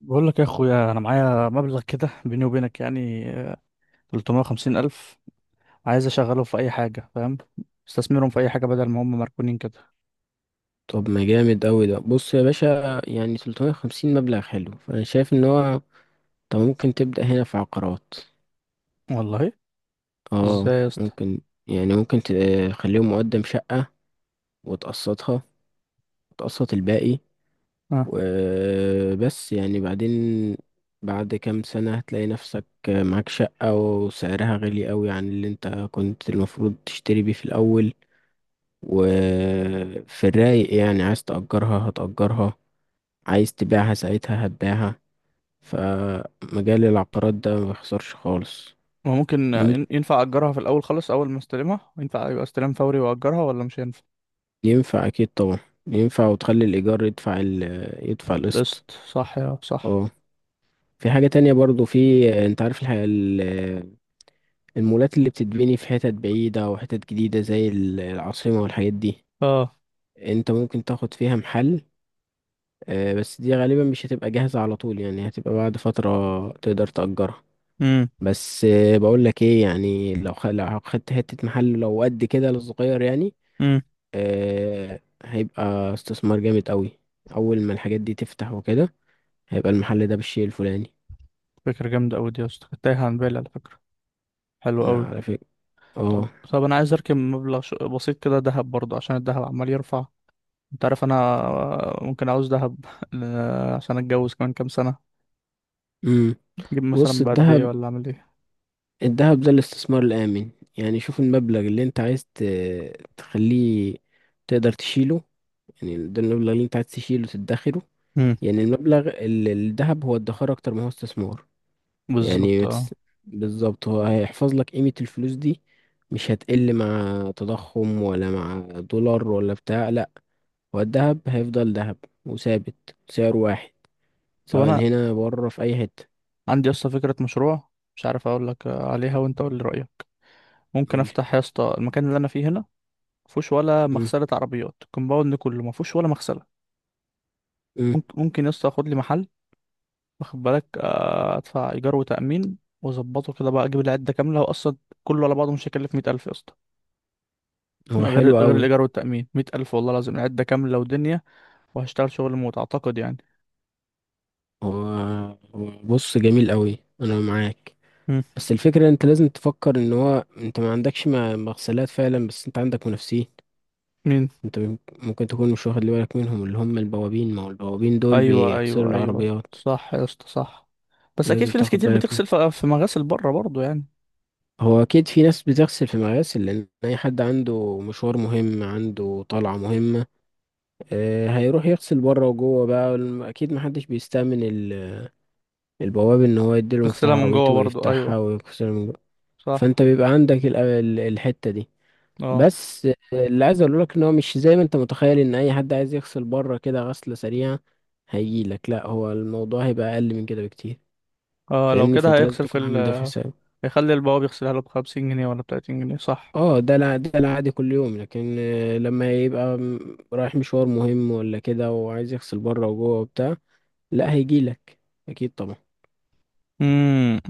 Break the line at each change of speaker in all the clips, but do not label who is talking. بقول لك يا اخويا، انا معايا مبلغ كده بيني وبينك، يعني 350 الف. عايز اشغله في اي حاجه، فاهم. استثمرهم في اي حاجه بدل ما هم مركونين كده.
طب، ما جامد أوي ده. بص يا باشا، يعني 350 مبلغ حلو، فأنا شايف إن هو ممكن تبدأ هنا في عقارات.
والله.
اه،
ازاي يا اسطى؟
ممكن، يعني ممكن تخليهم مقدم شقة وتقسطها وتقسط الباقي.
اه.
وبس يعني بعدين، بعد كام سنة هتلاقي نفسك معاك شقة وسعرها غالي أوي عن اللي انت كنت المفروض تشتري بيه في الأول. وفي الرايق يعني، عايز تأجرها هتأجرها، عايز تبيعها ساعتها هتبيعها. فمجال العقارات ده ما بيخسرش خالص.
ما ممكن
ممكن،
ينفع اجرها في الاول خالص؟ اول ما استلمها ينفع يبقى استلام فوري واجرها، ولا مش هينفع؟
ينفع اكيد طبعا. ينفع، وتخلي الايجار يدفع يدفع القسط.
قسط، صح؟ يا صح.
اه. في حاجة تانية برضو، في، انت عارف الحاجة، المولات اللي بتتبني في حتت بعيدة وحتت جديدة زي العاصمة والحاجات دي،
اه.
انت ممكن تاخد فيها محل. بس دي غالبا مش هتبقى جاهزة على طول، يعني هتبقى بعد فترة تقدر تأجرها.
امم.
بس بقول لك ايه، يعني لو خدت حتة محل لو قد كده الصغير يعني،
امم.
هيبقى استثمار جامد قوي، اول ما الحاجات دي تفتح وكده هيبقى المحل ده بالشيء الفلاني.
فكره جامده قوي دي يا اسطى، كانت تايهه عن بالي على فكره. حلو
لا،
قوي.
على فكرة.
طب
اه.
طب انا عايز اركب مبلغ بسيط كده، ذهب برضه، عشان الذهب عمال يرفع. انت عارف انا، ممكن عاوز دهب عشان اتجوز كمان كام سنه.
امم
اجيب
بص،
مثلا بقد ايه،
الذهب،
ولا اعمل ايه؟
الذهب ده الاستثمار الآمن. يعني شوف المبلغ اللي انت تخليه تقدر تشيله، يعني ده المبلغ اللي انت عايز تشيله تدخره.
امم.
يعني المبلغ الذهب هو ادخار اكتر ما هو استثمار.
بالظبط،
يعني بتس-
اه.
بالظبط، هو هيحفظ لك قيمة الفلوس دي، مش هتقل مع تضخم ولا مع دولار ولا بتاع، لا. هو الذهب هيفضل ذهب، وثابت سعر واحد،
طب
سواء
انا
هنا بره في أي حتة.
عندي اصلا فكره مشروع، مش عارف اقول لك عليها، وانت قول لي رايك. ممكن
قولي.
افتح يا اسطى المكان اللي انا فيه هنا. مفيهوش ولا
مم.
مغسله عربيات، الكومباوند كله مفيهوش ولا مغسله.
مم.
ممكن ممكن يا اسطى اخد لي محل، واخد بالك، آه، ادفع ايجار وتامين واظبطه كده بقى، اجيب العده كامله، واصلا كله على بعضه مش هيكلف 100,000 يا اسطى.
هو
غير
حلو
غير
قوي.
الايجار والتامين، 100,000 والله العظيم، العده كامله ودنيا، وهشتغل شغل موت اعتقد يعني.
هو هو بص، جميل قوي، أنا معاك.
مم.
بس الفكرة، أنت لازم تفكر إن هو أنت ما عندكش مغسلات فعلا، بس أنت عندك منافسين.
مين؟
أنت ممكن تكون مش واخد بالك منهم، اللي هم البوابين، ما هو البوابين دول
ايوه
بيغسلوا
ايوه ايوه،
العربيات.
صح يا اسطى، صح. بس اكيد
لازم
في ناس
تاخد
كتير
بالك
بتغسل
منه.
في مغاسل بره برضو يعني.
هو اكيد في ناس بتغسل في مغاسل، لان اي حد عنده مشوار مهم عنده طلعة مهمة هيروح يغسل بره وجوه. بقى اكيد محدش بيستأمن البواب ان هو يديله مفتاح
نغسلها من
عربيته
جوه برضو، ايوه،
ويفتحها ويغسل من جوه.
صح.
فانت بيبقى عندك الحتة دي.
اه.
بس اللي عايز اقوله لك ان هو مش زي ما انت متخيل ان اي حد عايز يغسل بره كده غسلة سريعة هيجيلك، لا، هو الموضوع هيبقى اقل من كده بكتير،
اه، لو
فاهمني،
كده
فانت لازم
هيغسل في
تكون عامل ده في
ال...
حسابك.
هيخلي البواب يغسلها له بـ50 جنيه ولا بـ30 جنيه، صح؟
اه، ده العادي كل يوم، لكن لما يبقى رايح مشوار مهم ولا كده وعايز يغسل بره وجوه وبتاع، لا، هيجيلك، اكيد طبعا.
امم.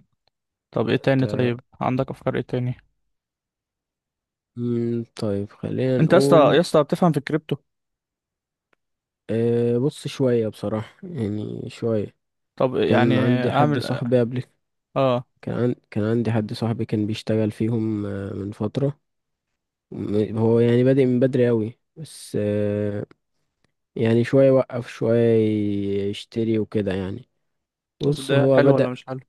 طب ايه تاني؟
انت،
طيب عندك افكار ايه تاني؟
طيب، خلينا
انت يا اسطى،
نقول.
يا اسطى بتفهم في الكريبتو؟
بص، شوية بصراحة يعني، شوية.
طب يعني
كان عندي حد
اعمل.
صاحبي قبل.
اه.
كان عندي حد صاحبي كان بيشتغل فيهم من فترة، هو يعني بادئ من بدري أوي، بس يعني شوية وقف شوية، يشتري وكده يعني.
طب
بص
ده
هو
حلو
بدأ.
ولا مش حلو؟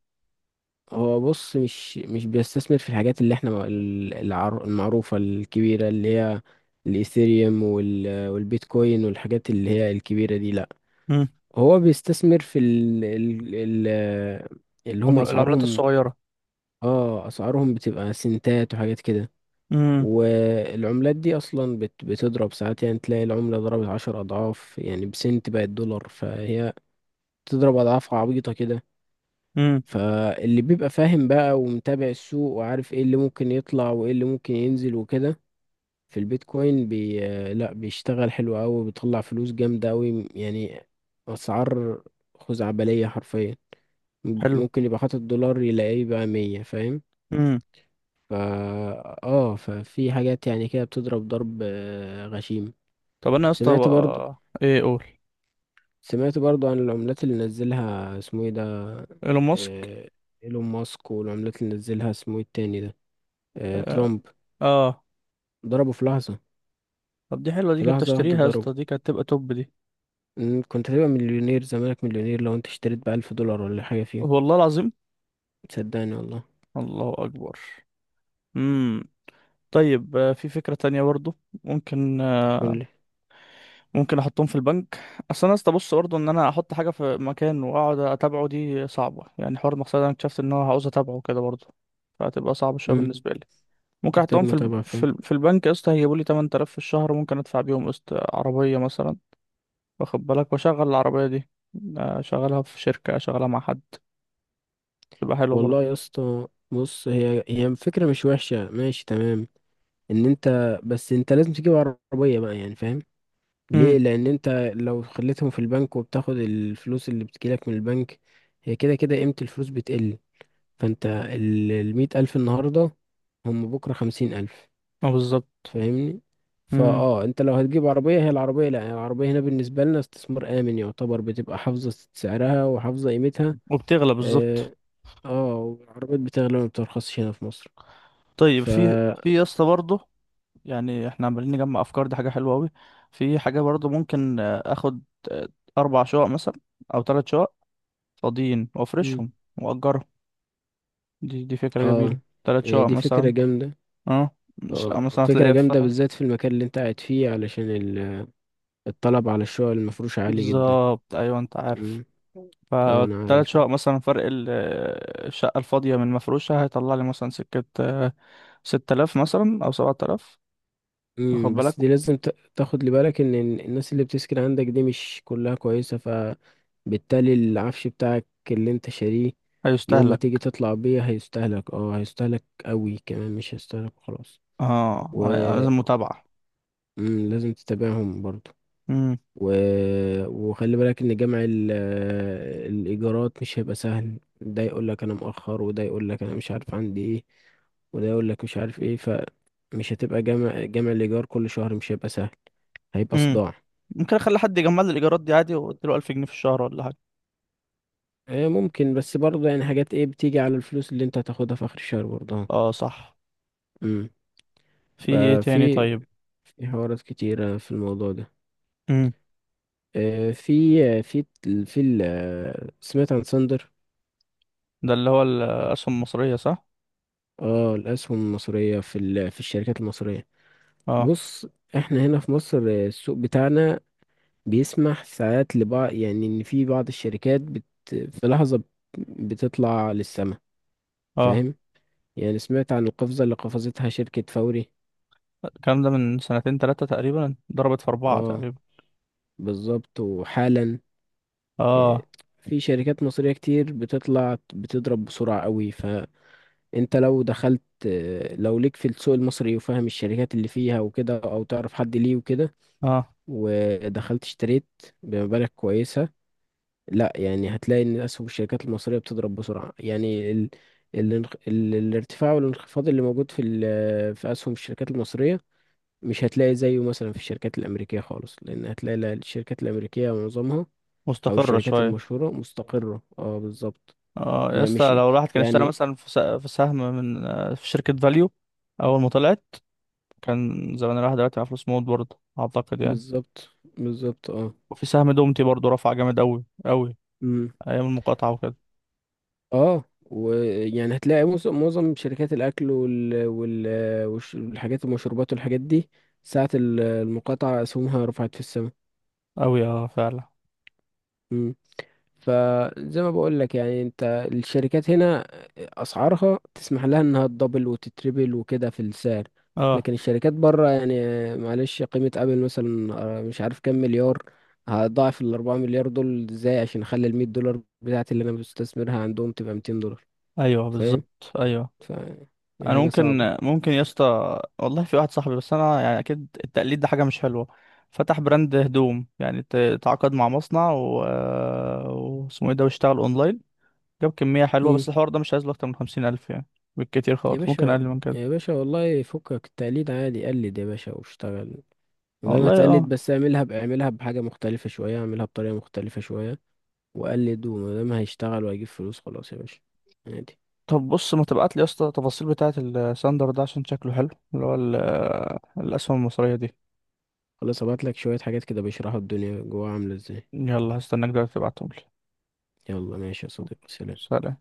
هو بص، مش بيستثمر في الحاجات اللي احنا المعروفة الكبيرة، اللي هي الإيثيريوم والبيتكوين والحاجات اللي هي الكبيرة دي، لأ.
مم.
هو بيستثمر في ال ال ال اللي هم
العملات
أسعارهم،
الصغيرة.
اه، أسعارهم بتبقى سنتات وحاجات كده.
مم.
والعملات دي أصلا بتضرب ساعات، يعني تلاقي العملة ضربت عشر أضعاف يعني، بسنت بقت دولار، فهي بتضرب أضعاف عبيطة كده.
مم.
فاللي بيبقى فاهم بقى، ومتابع السوق، وعارف ايه اللي ممكن يطلع وايه اللي ممكن ينزل وكده، في البيتكوين، بي آه، لا، بيشتغل حلو قوي، بيطلع فلوس جامدة قوي يعني، اسعار خزعبلية حرفيا.
حلو.
ممكن يبقى حاطط دولار يلاقيه بقى مية، فاهم. فا اه، ففي حاجات يعني كده بتضرب ضرب غشيم.
طب انا يا اسطى
سمعت برضو،
بقى ايه اقول؟
سمعت برضو عن العملات اللي نزلها اسمه ايه ده،
ايلون ماسك.
آه، ايلون ماسك. والعملات اللي نزلها اسمه ايه التاني ده،
اه.
ترامب.
آه.
ضربه في لحظة،
طب دي حلوه، دي
في
كنت
لحظة واحدة
اشتريها يا
ضربه.
اسطى، دي كانت تبقى توب دي.
إن كنت هتبقى مليونير، زمانك مليونير لو انت اشتريت بألف دولار ولا حاجة فيه.
والله العظيم.
صدقني والله.
الله اكبر. امم. طيب آه، في فكره تانية برضو. ممكن آه،
قول لي.
ممكن احطهم في البنك. اصل انا يا اسطى، بص برضو، ان انا احط حاجه في مكان واقعد اتابعه، دي صعبه يعني. حوار المقصد، انا اكتشفت ان انا عاوز اتابعه كده برضو، فهتبقى صعبه شويه
مم.
بالنسبه لي. ممكن
تحتاج
احطهم في ال...
متابعة فعلا.
في, ال... في البنك يا اسطى، هيجيبوا لي 8,000 في الشهر، ممكن ادفع بيهم قسط عربيه مثلا، واخد بالك، واشغل العربية دي، اشغلها في شركة، اشغلها مع حد، تبقى حلوة برضه.
والله يا اسطى، بص، هي الفكرة مش وحشة، ماشي، تمام. ان انت، بس انت لازم تجيب عربية بقى، يعني، فاهم؟ ليه؟
امم.
لان انت لو خليتهم في البنك وبتاخد الفلوس اللي بتجيلك من البنك، هي كده كده قيمة الفلوس بتقل. فانت، المية ألف النهاردة، هم بكرة خمسين ألف،
اه، بالظبط.
فاهمني.
امم.
انت لو هتجيب عربيه، هي العربيه، لا يعني، العربيه هنا بالنسبه لنا استثمار امن يعتبر، بتبقى حافظه سعرها وحافظه قيمتها.
وبتغلى بالظبط.
اه، والعربيات بتغلى ما بترخصش هنا في مصر.
طيب
ف
في، في يا اسطى برضه، يعني احنا عمالين نجمع افكار، دي حاجة حلوة قوي. في حاجة برضه ممكن آه، اخد، آه، اربع شقق مثلا، او ثلاث شقق فاضيين،
مم.
وافرشهم واجرهم. دي فكرة جميلة.
اه،
ثلاث
هي
شقق
دي فكره
مثلا.
جامده.
اه، شقة
اه،
مثلا
فكره
هتلاقيها في.
جامده، بالذات في المكان اللي انت قاعد فيه، علشان الطلب على الشقق المفروش عالي جدا.
بالظبط، ايوه، انت عارف.
مم. اه، انا
فالتلات
عارف.
شقق مثلا، فرق ال... الشقة الفاضية من المفروشة هيطلع لي مثلا سكة آه، 6,000 مثلا أو 7,000. واخد
امم،
بالك،
بس دي لازم تاخد لي بالك ان إن الناس اللي بتسكن عندك دي مش كلها كويسة، فبالتالي العفش بتاعك اللي انت شاريه، يوم ما تيجي
هيستهلك.
تطلع بيه هيستهلك، اه، هيستهلك قوي كمان، مش هيستهلك خلاص.
اه،
و
لازم متابعة.
مم، لازم تتابعهم برضو.
مم.
و... وخلي بالك ان جمع الايجارات مش هيبقى سهل. ده يقول لك انا مؤخر، وده يقول لك انا مش عارف عندي ايه، وده يقول لك مش عارف ايه، فمش هتبقى جمع الايجار كل شهر، مش هيبقى سهل، هيبقى
مم.
صداع.
ممكن أخلي حد يجمع لي الإيجارات دي عادي، وأديله 1,000 جنيه في الشهر ولا حاجة.
ممكن، بس برضه يعني، حاجات ايه بتيجي على الفلوس اللي انت هتاخدها في اخر الشهر برضه.
اه، صح.
امم.
في ايه تاني
ففي،
طيب؟
في حوارات كتيرة في الموضوع ده،
مم.
آه، في في في سمعت عن ساندر.
ده اللي هو الأسهم المصرية، صح؟
اه، الاسهم المصرية، في في الشركات المصرية.
اه.
بص، احنا هنا في مصر، السوق بتاعنا بيسمح ساعات لبعض، يعني ان في بعض الشركات في لحظة بتطلع للسماء،
اه،
فاهم، يعني سمعت عن القفزة اللي قفزتها شركة فوري.
الكلام ده من سنتين تلاتة تقريبا، ضربت في أربعة
اه،
تقريبا.
بالظبط، وحالا آه،
اه.
في شركات مصرية كتير بتطلع، بتضرب بسرعة قوي. فانت لو دخلت، لو ليك في السوق المصري وفاهم الشركات اللي فيها وكده، او تعرف حد ليه وكده،
اه.
ودخلت اشتريت بمبالغ كويسة، لا يعني، هتلاقي ان اسهم الشركات المصريه بتضرب بسرعه. يعني الارتفاع والانخفاض اللي موجود في في اسهم الشركات المصريه، مش هتلاقي زيه مثلا في الشركات الامريكيه خالص، لان هتلاقي، الشركات الامريكيه معظمها، او
مستقرة
الشركات
شوية.
المشهوره، مستقره، اه بالظبط.
اه يا
ما
اسطى،
مش
لو الواحد كان اشترى
يعني،
مثلا في في سهم من آه، في شركة فاليو اول ما طلعت، كان زمان الواحد دلوقتي معاه فلوس موت برضه اعتقد يعني.
بالظبط بالظبط اه.
وفي سهم دومتي برضه، رفع جامد قوي قوي،
امم.
ايام المقاطعة وكده.
اه، ويعني هتلاقي معظم شركات الاكل والحاجات، المشروبات والحاجات دي، ساعة المقاطعة أسهمها رفعت في السماء.
قوي اه، فعلا.
مم. فزي ما بقول لك، يعني، انت، الشركات هنا اسعارها تسمح لها انها تدبل وتتربل وكده في السعر.
اه،
لكن الشركات بره يعني، معلش، قيمة ابل مثلا مش عارف كام مليار، هضاعف ال 4 مليار دول ازاي عشان اخلي ال 100 دولار بتاعتي اللي انا بستثمرها عندهم تبقى 200 دولار،
ايوه
فاهم.
بالظبط، ايوه.
ف يعني
انا
حاجة
ممكن،
صعبة.
ممكن يا اسطى، والله في واحد صاحبي، بس انا يعني اكيد التقليد ده حاجة مش حلوة، فتح براند هدوم، يعني تعاقد مع مصنع و آه، واسمه ايه ده، واشتغل اونلاين، جاب كمية حلوة،
مم.
بس الحوار ده مش عايز له أكتر من 50,000 يعني، بالكتير
يا
خالص، ممكن
باشا،
أقل من كده.
يا باشا والله، فكك التقليد عادي، قلد يا باشا واشتغل. وزي ما
والله
هتقلد،
اه.
بس اعملها اعملها بحاجة مختلفة شوية، اعملها بطريقة مختلفة شوية وقلد، وما دام هيشتغل وهيجيب فلوس خلاص، يا باشا، عادي.
طب بص، ما تبعت لي يا اسطى التفاصيل بتاعة الساندر ده عشان شكله حلو، اللي هو ال... الأسهم المصرية دي.
خلاص، ابعت لك شوية حاجات كده بيشرحوا الدنيا جواها عاملة ازاي.
يلا هستناك دلوقتي تبعتهم لي.
يلا ماشي يا صديقي، سلام.
سلام.